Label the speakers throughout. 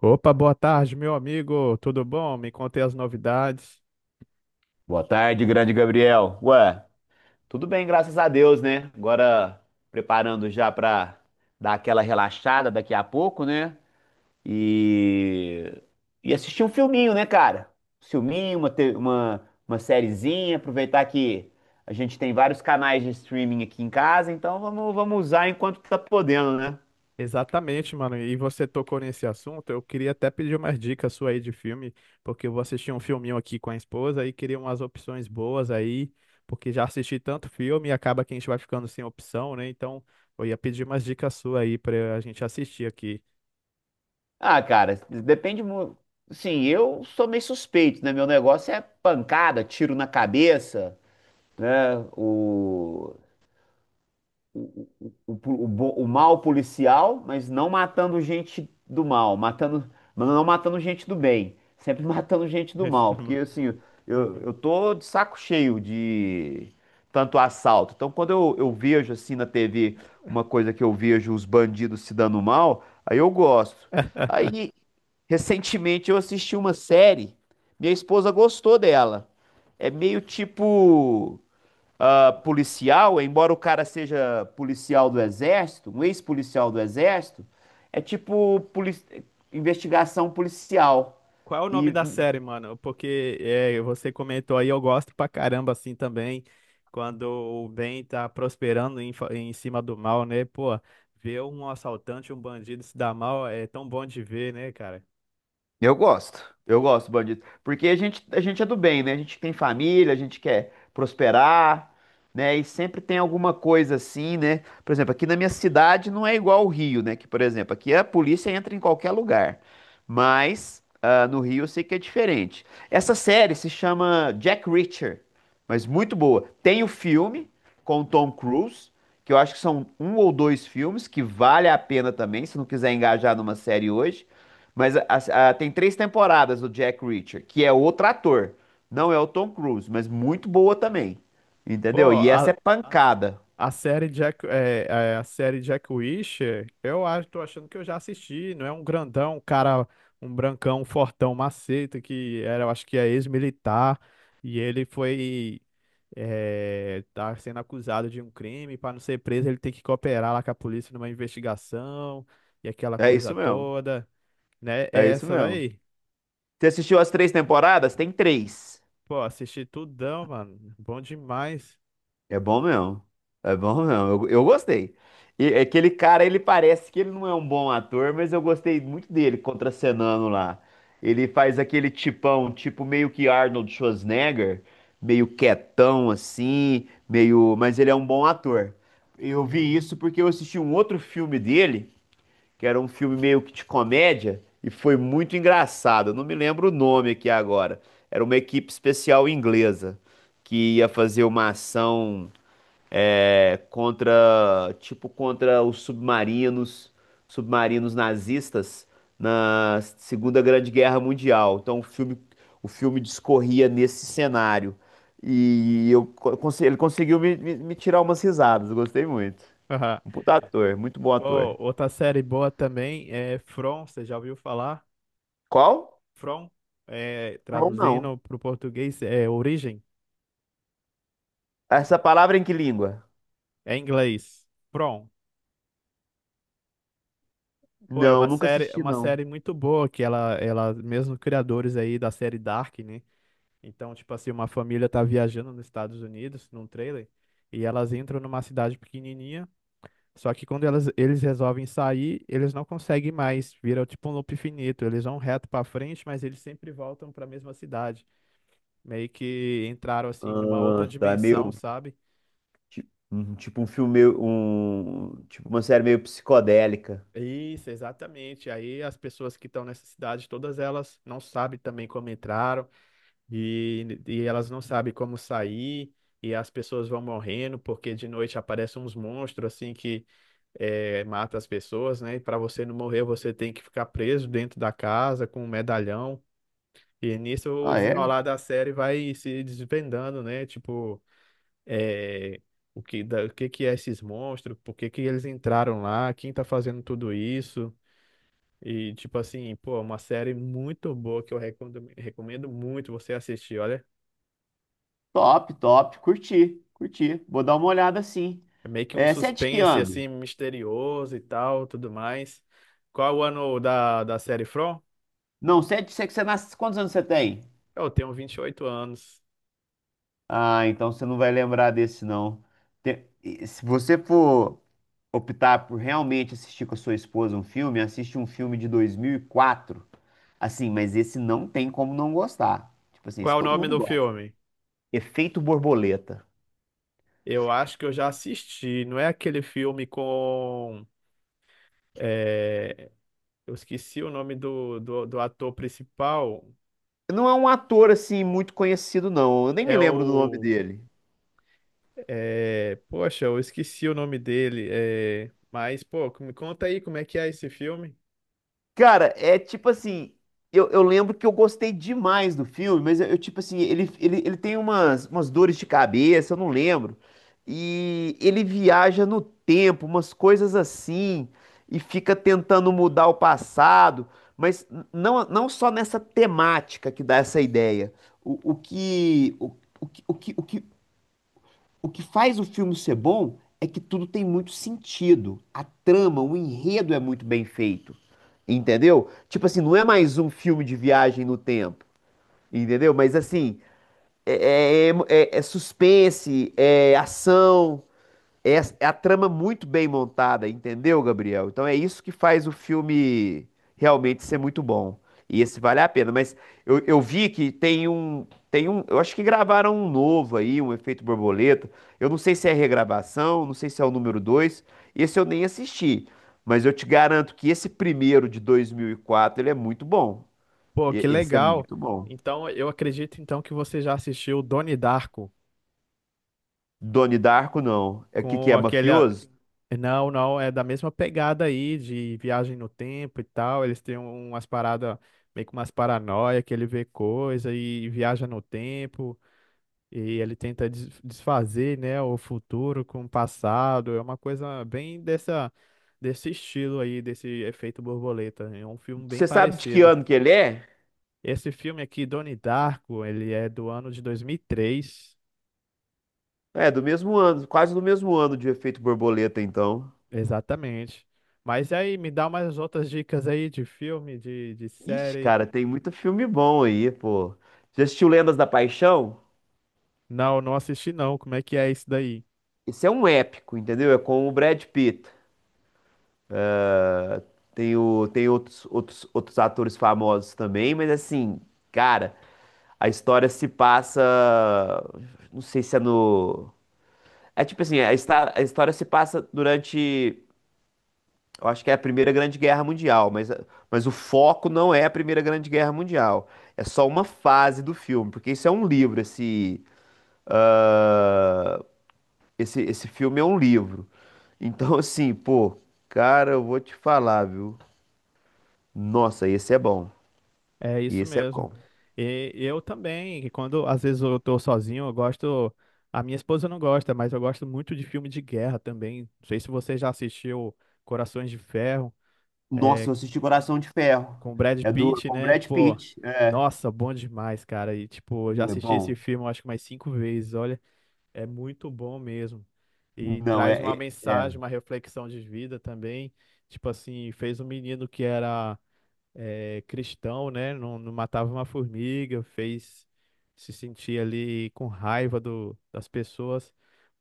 Speaker 1: Opa, boa tarde, meu amigo. Tudo bom? Me contei as novidades.
Speaker 2: Boa tarde, grande Gabriel. Ué, tudo bem, graças a Deus, né? Agora preparando já pra dar aquela relaxada daqui a pouco, né? E e assistir um filminho, né, cara? Um filminho, uma te- uma sériezinha, aproveitar que a gente tem vários canais de streaming aqui em casa, então vamos usar enquanto tá podendo, né?
Speaker 1: Exatamente, mano. E você tocou nesse assunto. Eu queria até pedir umas dicas sua aí de filme, porque eu vou assistir um filminho aqui com a esposa e queria umas opções boas aí, porque já assisti tanto filme e acaba que a gente vai ficando sem opção, né? Então, eu ia pedir umas dicas sua aí pra a gente assistir aqui.
Speaker 2: Ah, cara, depende muito. Sim, eu sou meio suspeito, né? Meu negócio é pancada, tiro na cabeça, né? O mal policial, mas não matando gente do mal, matando, mas não matando gente do bem, sempre matando gente do
Speaker 1: Isso,
Speaker 2: mal, porque
Speaker 1: mano.
Speaker 2: assim, eu tô de saco cheio de tanto assalto. Então, quando eu vejo assim na TV uma coisa que eu vejo os bandidos se dando mal, aí eu gosto. Aí Recentemente eu assisti uma série, minha esposa gostou dela. É meio tipo, ah, policial, embora o cara seja policial do exército, um ex-policial do exército, é tipo investigação policial.
Speaker 1: Qual é o nome
Speaker 2: E
Speaker 1: da série, mano? Porque você comentou aí, eu gosto pra caramba assim também, quando o bem tá prosperando em, em cima do mal, né? Pô, ver um assaltante, um bandido se dar mal é tão bom de ver, né, cara?
Speaker 2: Eu gosto, eu gosto, bandido. Porque a gente é do bem, né? A gente tem família, a gente quer prosperar, né? E sempre tem alguma coisa assim, né? Por exemplo, aqui na minha cidade não é igual ao Rio, né? Que, por exemplo, aqui a polícia entra em qualquer lugar. Mas ah, no Rio eu sei que é diferente. Essa série se chama Jack Reacher, mas muito boa. Tem o filme com o Tom Cruise que eu acho que são um ou dois filmes que vale a pena também, se não quiser engajar numa série hoje. Mas tem três temporadas do Jack Reacher, que é outro ator. Não é o Tom Cruise, mas muito boa também. Entendeu?
Speaker 1: Pô,
Speaker 2: E essa é pancada.
Speaker 1: a série Jack, a série Jack Wisher, eu acho, tô achando que eu já assisti, não é um grandão, um cara, um brancão, um fortão, um maceta, que era, eu acho que é ex-militar, e ele foi, tá sendo acusado de um crime, para não ser preso, ele tem que cooperar lá com a polícia numa investigação, e aquela
Speaker 2: É
Speaker 1: coisa
Speaker 2: isso mesmo.
Speaker 1: toda, né?
Speaker 2: É
Speaker 1: É
Speaker 2: isso
Speaker 1: essa
Speaker 2: mesmo.
Speaker 1: daí.
Speaker 2: Você assistiu as três temporadas? Tem três.
Speaker 1: Pô, assisti tudão, mano, bom demais.
Speaker 2: É bom mesmo. É bom mesmo. Eu gostei. E aquele cara, ele parece que ele não é um bom ator, mas eu gostei muito dele contracenando lá. Ele faz aquele tipão, tipo meio que Arnold Schwarzenegger, meio quietão assim, meio, mas ele é um bom ator. Eu vi isso porque eu assisti um outro filme dele, que era um filme meio que de comédia, e foi muito engraçado. Eu não me lembro o nome aqui agora. Era uma equipe especial inglesa que ia fazer uma ação, é, contra, tipo, contra os submarinos, submarinos nazistas na Segunda Grande Guerra Mundial. Então o filme discorria nesse cenário. E ele conseguiu me tirar umas risadas, eu gostei muito. Um puta ator, muito bom
Speaker 1: Pô,
Speaker 2: ator.
Speaker 1: outra série boa também é From, você já ouviu falar?
Speaker 2: Qual?
Speaker 1: From,
Speaker 2: Não, não.
Speaker 1: traduzindo para o português, é origem,
Speaker 2: Essa palavra em que língua?
Speaker 1: é em inglês. From. Pô,
Speaker 2: Não, nunca
Speaker 1: é
Speaker 2: assisti,
Speaker 1: uma
Speaker 2: não.
Speaker 1: série muito boa que ela, mesmo criadores aí da série Dark, né? Então, tipo assim, uma família tá viajando nos Estados Unidos num trailer e elas entram numa cidade pequenininha. Só que quando elas, eles resolvem sair, eles não conseguem mais, vira tipo um loop infinito. Eles vão reto pra frente, mas eles sempre voltam pra mesma cidade. Meio que entraram assim numa outra
Speaker 2: Ah, tá, é
Speaker 1: dimensão,
Speaker 2: meio,
Speaker 1: sabe?
Speaker 2: tipo um filme, tipo uma série meio psicodélica.
Speaker 1: Isso, exatamente. Aí as pessoas que estão nessa cidade, todas elas não sabem também como entraram e elas não sabem como sair. E as pessoas vão morrendo porque de noite aparecem uns monstros assim que mata as pessoas, né? E para você não morrer, você tem que ficar preso dentro da casa com um medalhão. E nisso o
Speaker 2: Ah, é?
Speaker 1: desenrolar da série vai se desvendando, né? Tipo, eh, o que que é esses monstros? Por que que eles entraram lá? Quem tá fazendo tudo isso? E, tipo assim, pô, é uma série muito boa que eu recomendo, recomendo muito você assistir, olha.
Speaker 2: Top, top. Curti, curti. Vou dar uma olhada sim.
Speaker 1: É meio que um
Speaker 2: É, você é de que
Speaker 1: suspense,
Speaker 2: ano?
Speaker 1: assim, misterioso e tal, tudo mais. Qual é o ano da série From?
Speaker 2: Não, você é de, você, que você nasce. Quantos anos você tem?
Speaker 1: Eu tenho 28 anos.
Speaker 2: Ah, então você não vai lembrar desse, não. Se você for optar por realmente assistir com a sua esposa um filme, assiste um filme de 2004. Assim, mas esse não tem como não gostar. Tipo assim, isso
Speaker 1: Qual é o
Speaker 2: todo
Speaker 1: nome
Speaker 2: mundo
Speaker 1: do
Speaker 2: gosta.
Speaker 1: filme?
Speaker 2: Efeito Borboleta.
Speaker 1: Eu acho que eu já assisti. Não é aquele filme com... é, eu esqueci o nome do ator principal.
Speaker 2: Não é um ator, assim, muito conhecido, não. Eu nem me
Speaker 1: É
Speaker 2: lembro do nome
Speaker 1: o...
Speaker 2: dele.
Speaker 1: É, poxa, eu esqueci o nome dele. É, mas, pô, me conta aí como é que é esse filme.
Speaker 2: Cara, é tipo assim, eu lembro que eu gostei demais do filme, mas tipo assim, ele tem umas, umas dores de cabeça, eu não lembro. E ele viaja no tempo, umas coisas assim, e fica tentando mudar o passado, mas não, não só nessa temática que dá essa ideia. O que, o, que, o que, o que O que faz o filme ser bom é que tudo tem muito sentido. A trama, o enredo é muito bem feito. Entendeu? Tipo assim, não é mais um filme de viagem no tempo. Entendeu? Mas assim, é suspense, é ação. É, é a trama muito bem montada, entendeu, Gabriel? Então é isso que faz o filme realmente ser muito bom. E esse vale a pena. Mas eu vi que tem um. Eu acho que gravaram um novo aí, um Efeito Borboleta. Eu não sei se é regravação, não sei se é o número 2. Esse eu nem assisti. Mas eu te garanto que esse primeiro de 2004, ele é muito bom.
Speaker 1: Pô, que
Speaker 2: Esse é
Speaker 1: legal.
Speaker 2: muito bom.
Speaker 1: Então, eu acredito então que você já assistiu Donnie Darko
Speaker 2: Doni Darko, não. É o que que
Speaker 1: com
Speaker 2: é,
Speaker 1: aquele.
Speaker 2: mafioso?
Speaker 1: Não, não, é da mesma pegada aí de viagem no tempo e tal. Eles têm umas paradas, meio que umas paranoia que ele vê coisa e viaja no tempo. E ele tenta desfazer, né, o futuro com o passado. É uma coisa bem dessa, desse estilo aí, desse efeito borboleta. É um filme bem
Speaker 2: Você sabe de que
Speaker 1: parecido.
Speaker 2: ano que ele é?
Speaker 1: Esse filme aqui, Donnie Darko, ele é do ano de 2003,
Speaker 2: É, do mesmo ano, quase do mesmo ano de Efeito Borboleta, então.
Speaker 1: exatamente. Mas aí, me dá umas outras dicas aí de filme, de
Speaker 2: Ixi,
Speaker 1: série.
Speaker 2: cara, tem muito filme bom aí, pô. Já assistiu Lendas da Paixão?
Speaker 1: Não, não assisti não. Como é que é isso daí?
Speaker 2: Esse é um épico, entendeu? É com o Brad Pitt. Tem, o, tem outros atores famosos também, mas assim, cara, a história se passa. Não sei se é no. É tipo assim, a, a história se passa durante, eu acho que é a Primeira Grande Guerra Mundial, mas o foco não é a Primeira Grande Guerra Mundial. É só uma fase do filme, porque isso é um livro, ah, esse filme é um livro. Então, assim, pô, cara, eu vou te falar, viu? Nossa, esse é bom.
Speaker 1: É isso
Speaker 2: Esse é
Speaker 1: mesmo.
Speaker 2: bom.
Speaker 1: E eu também, que quando às vezes eu tô sozinho, eu gosto. A minha esposa não gosta, mas eu gosto muito de filme de guerra também. Não sei se você já assistiu Corações de Ferro
Speaker 2: Nossa, eu assisti Coração de Ferro.
Speaker 1: com o Brad
Speaker 2: É do,
Speaker 1: Pitt,
Speaker 2: com
Speaker 1: né?
Speaker 2: Brad
Speaker 1: Pô,
Speaker 2: Pitt. É,
Speaker 1: nossa, bom demais, cara. E tipo, eu já
Speaker 2: não é
Speaker 1: assisti esse
Speaker 2: bom?
Speaker 1: filme eu acho que mais cinco vezes. Olha, é muito bom mesmo. E
Speaker 2: Não,
Speaker 1: traz uma
Speaker 2: é.
Speaker 1: mensagem, uma reflexão de vida também. Tipo assim, fez um menino que era cristão, né? Não, não matava uma formiga, fez se sentir ali com raiva das pessoas,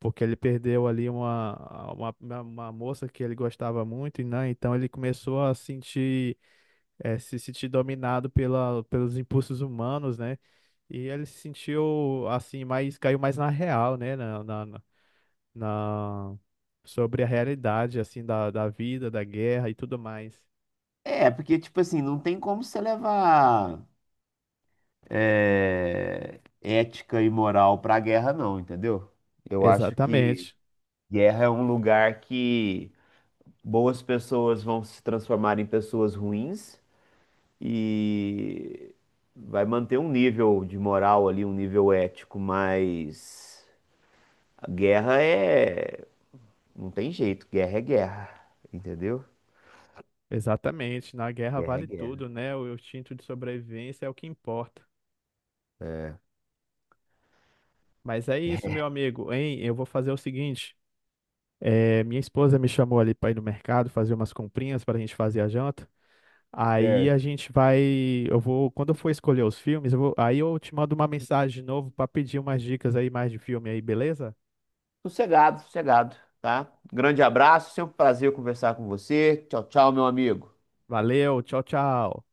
Speaker 1: porque ele perdeu ali uma, uma moça que ele gostava muito, e né? Então ele começou a sentir, se sentir dominado pelos impulsos humanos, né? E ele se sentiu assim, mais, caiu mais na real, né? Na- sobre a realidade, assim, da vida, da guerra e tudo mais.
Speaker 2: É, porque, tipo assim, não tem como você levar, é, ética e moral para a guerra, não, entendeu? Eu acho que
Speaker 1: Exatamente.
Speaker 2: guerra é um lugar que boas pessoas vão se transformar em pessoas ruins e vai manter um nível de moral ali, um nível ético, mas a guerra é. Não tem jeito, guerra é guerra, entendeu?
Speaker 1: Exatamente, na guerra vale
Speaker 2: Guerra.
Speaker 1: tudo, né? O instinto de sobrevivência é o que importa.
Speaker 2: É.
Speaker 1: Mas é isso, meu amigo, hein? Eu vou fazer o seguinte: minha esposa me chamou ali para ir no mercado fazer umas comprinhas para a gente fazer a janta. Aí a
Speaker 2: Certo.
Speaker 1: gente vai, eu vou, quando eu for escolher os filmes, eu vou, aí eu te mando uma mensagem de novo para pedir umas dicas aí mais de filme aí, beleza?
Speaker 2: Sossegado, sossegado, tá? Grande abraço, sempre um prazer conversar com você. Tchau, tchau, meu amigo.
Speaker 1: Valeu, tchau, tchau.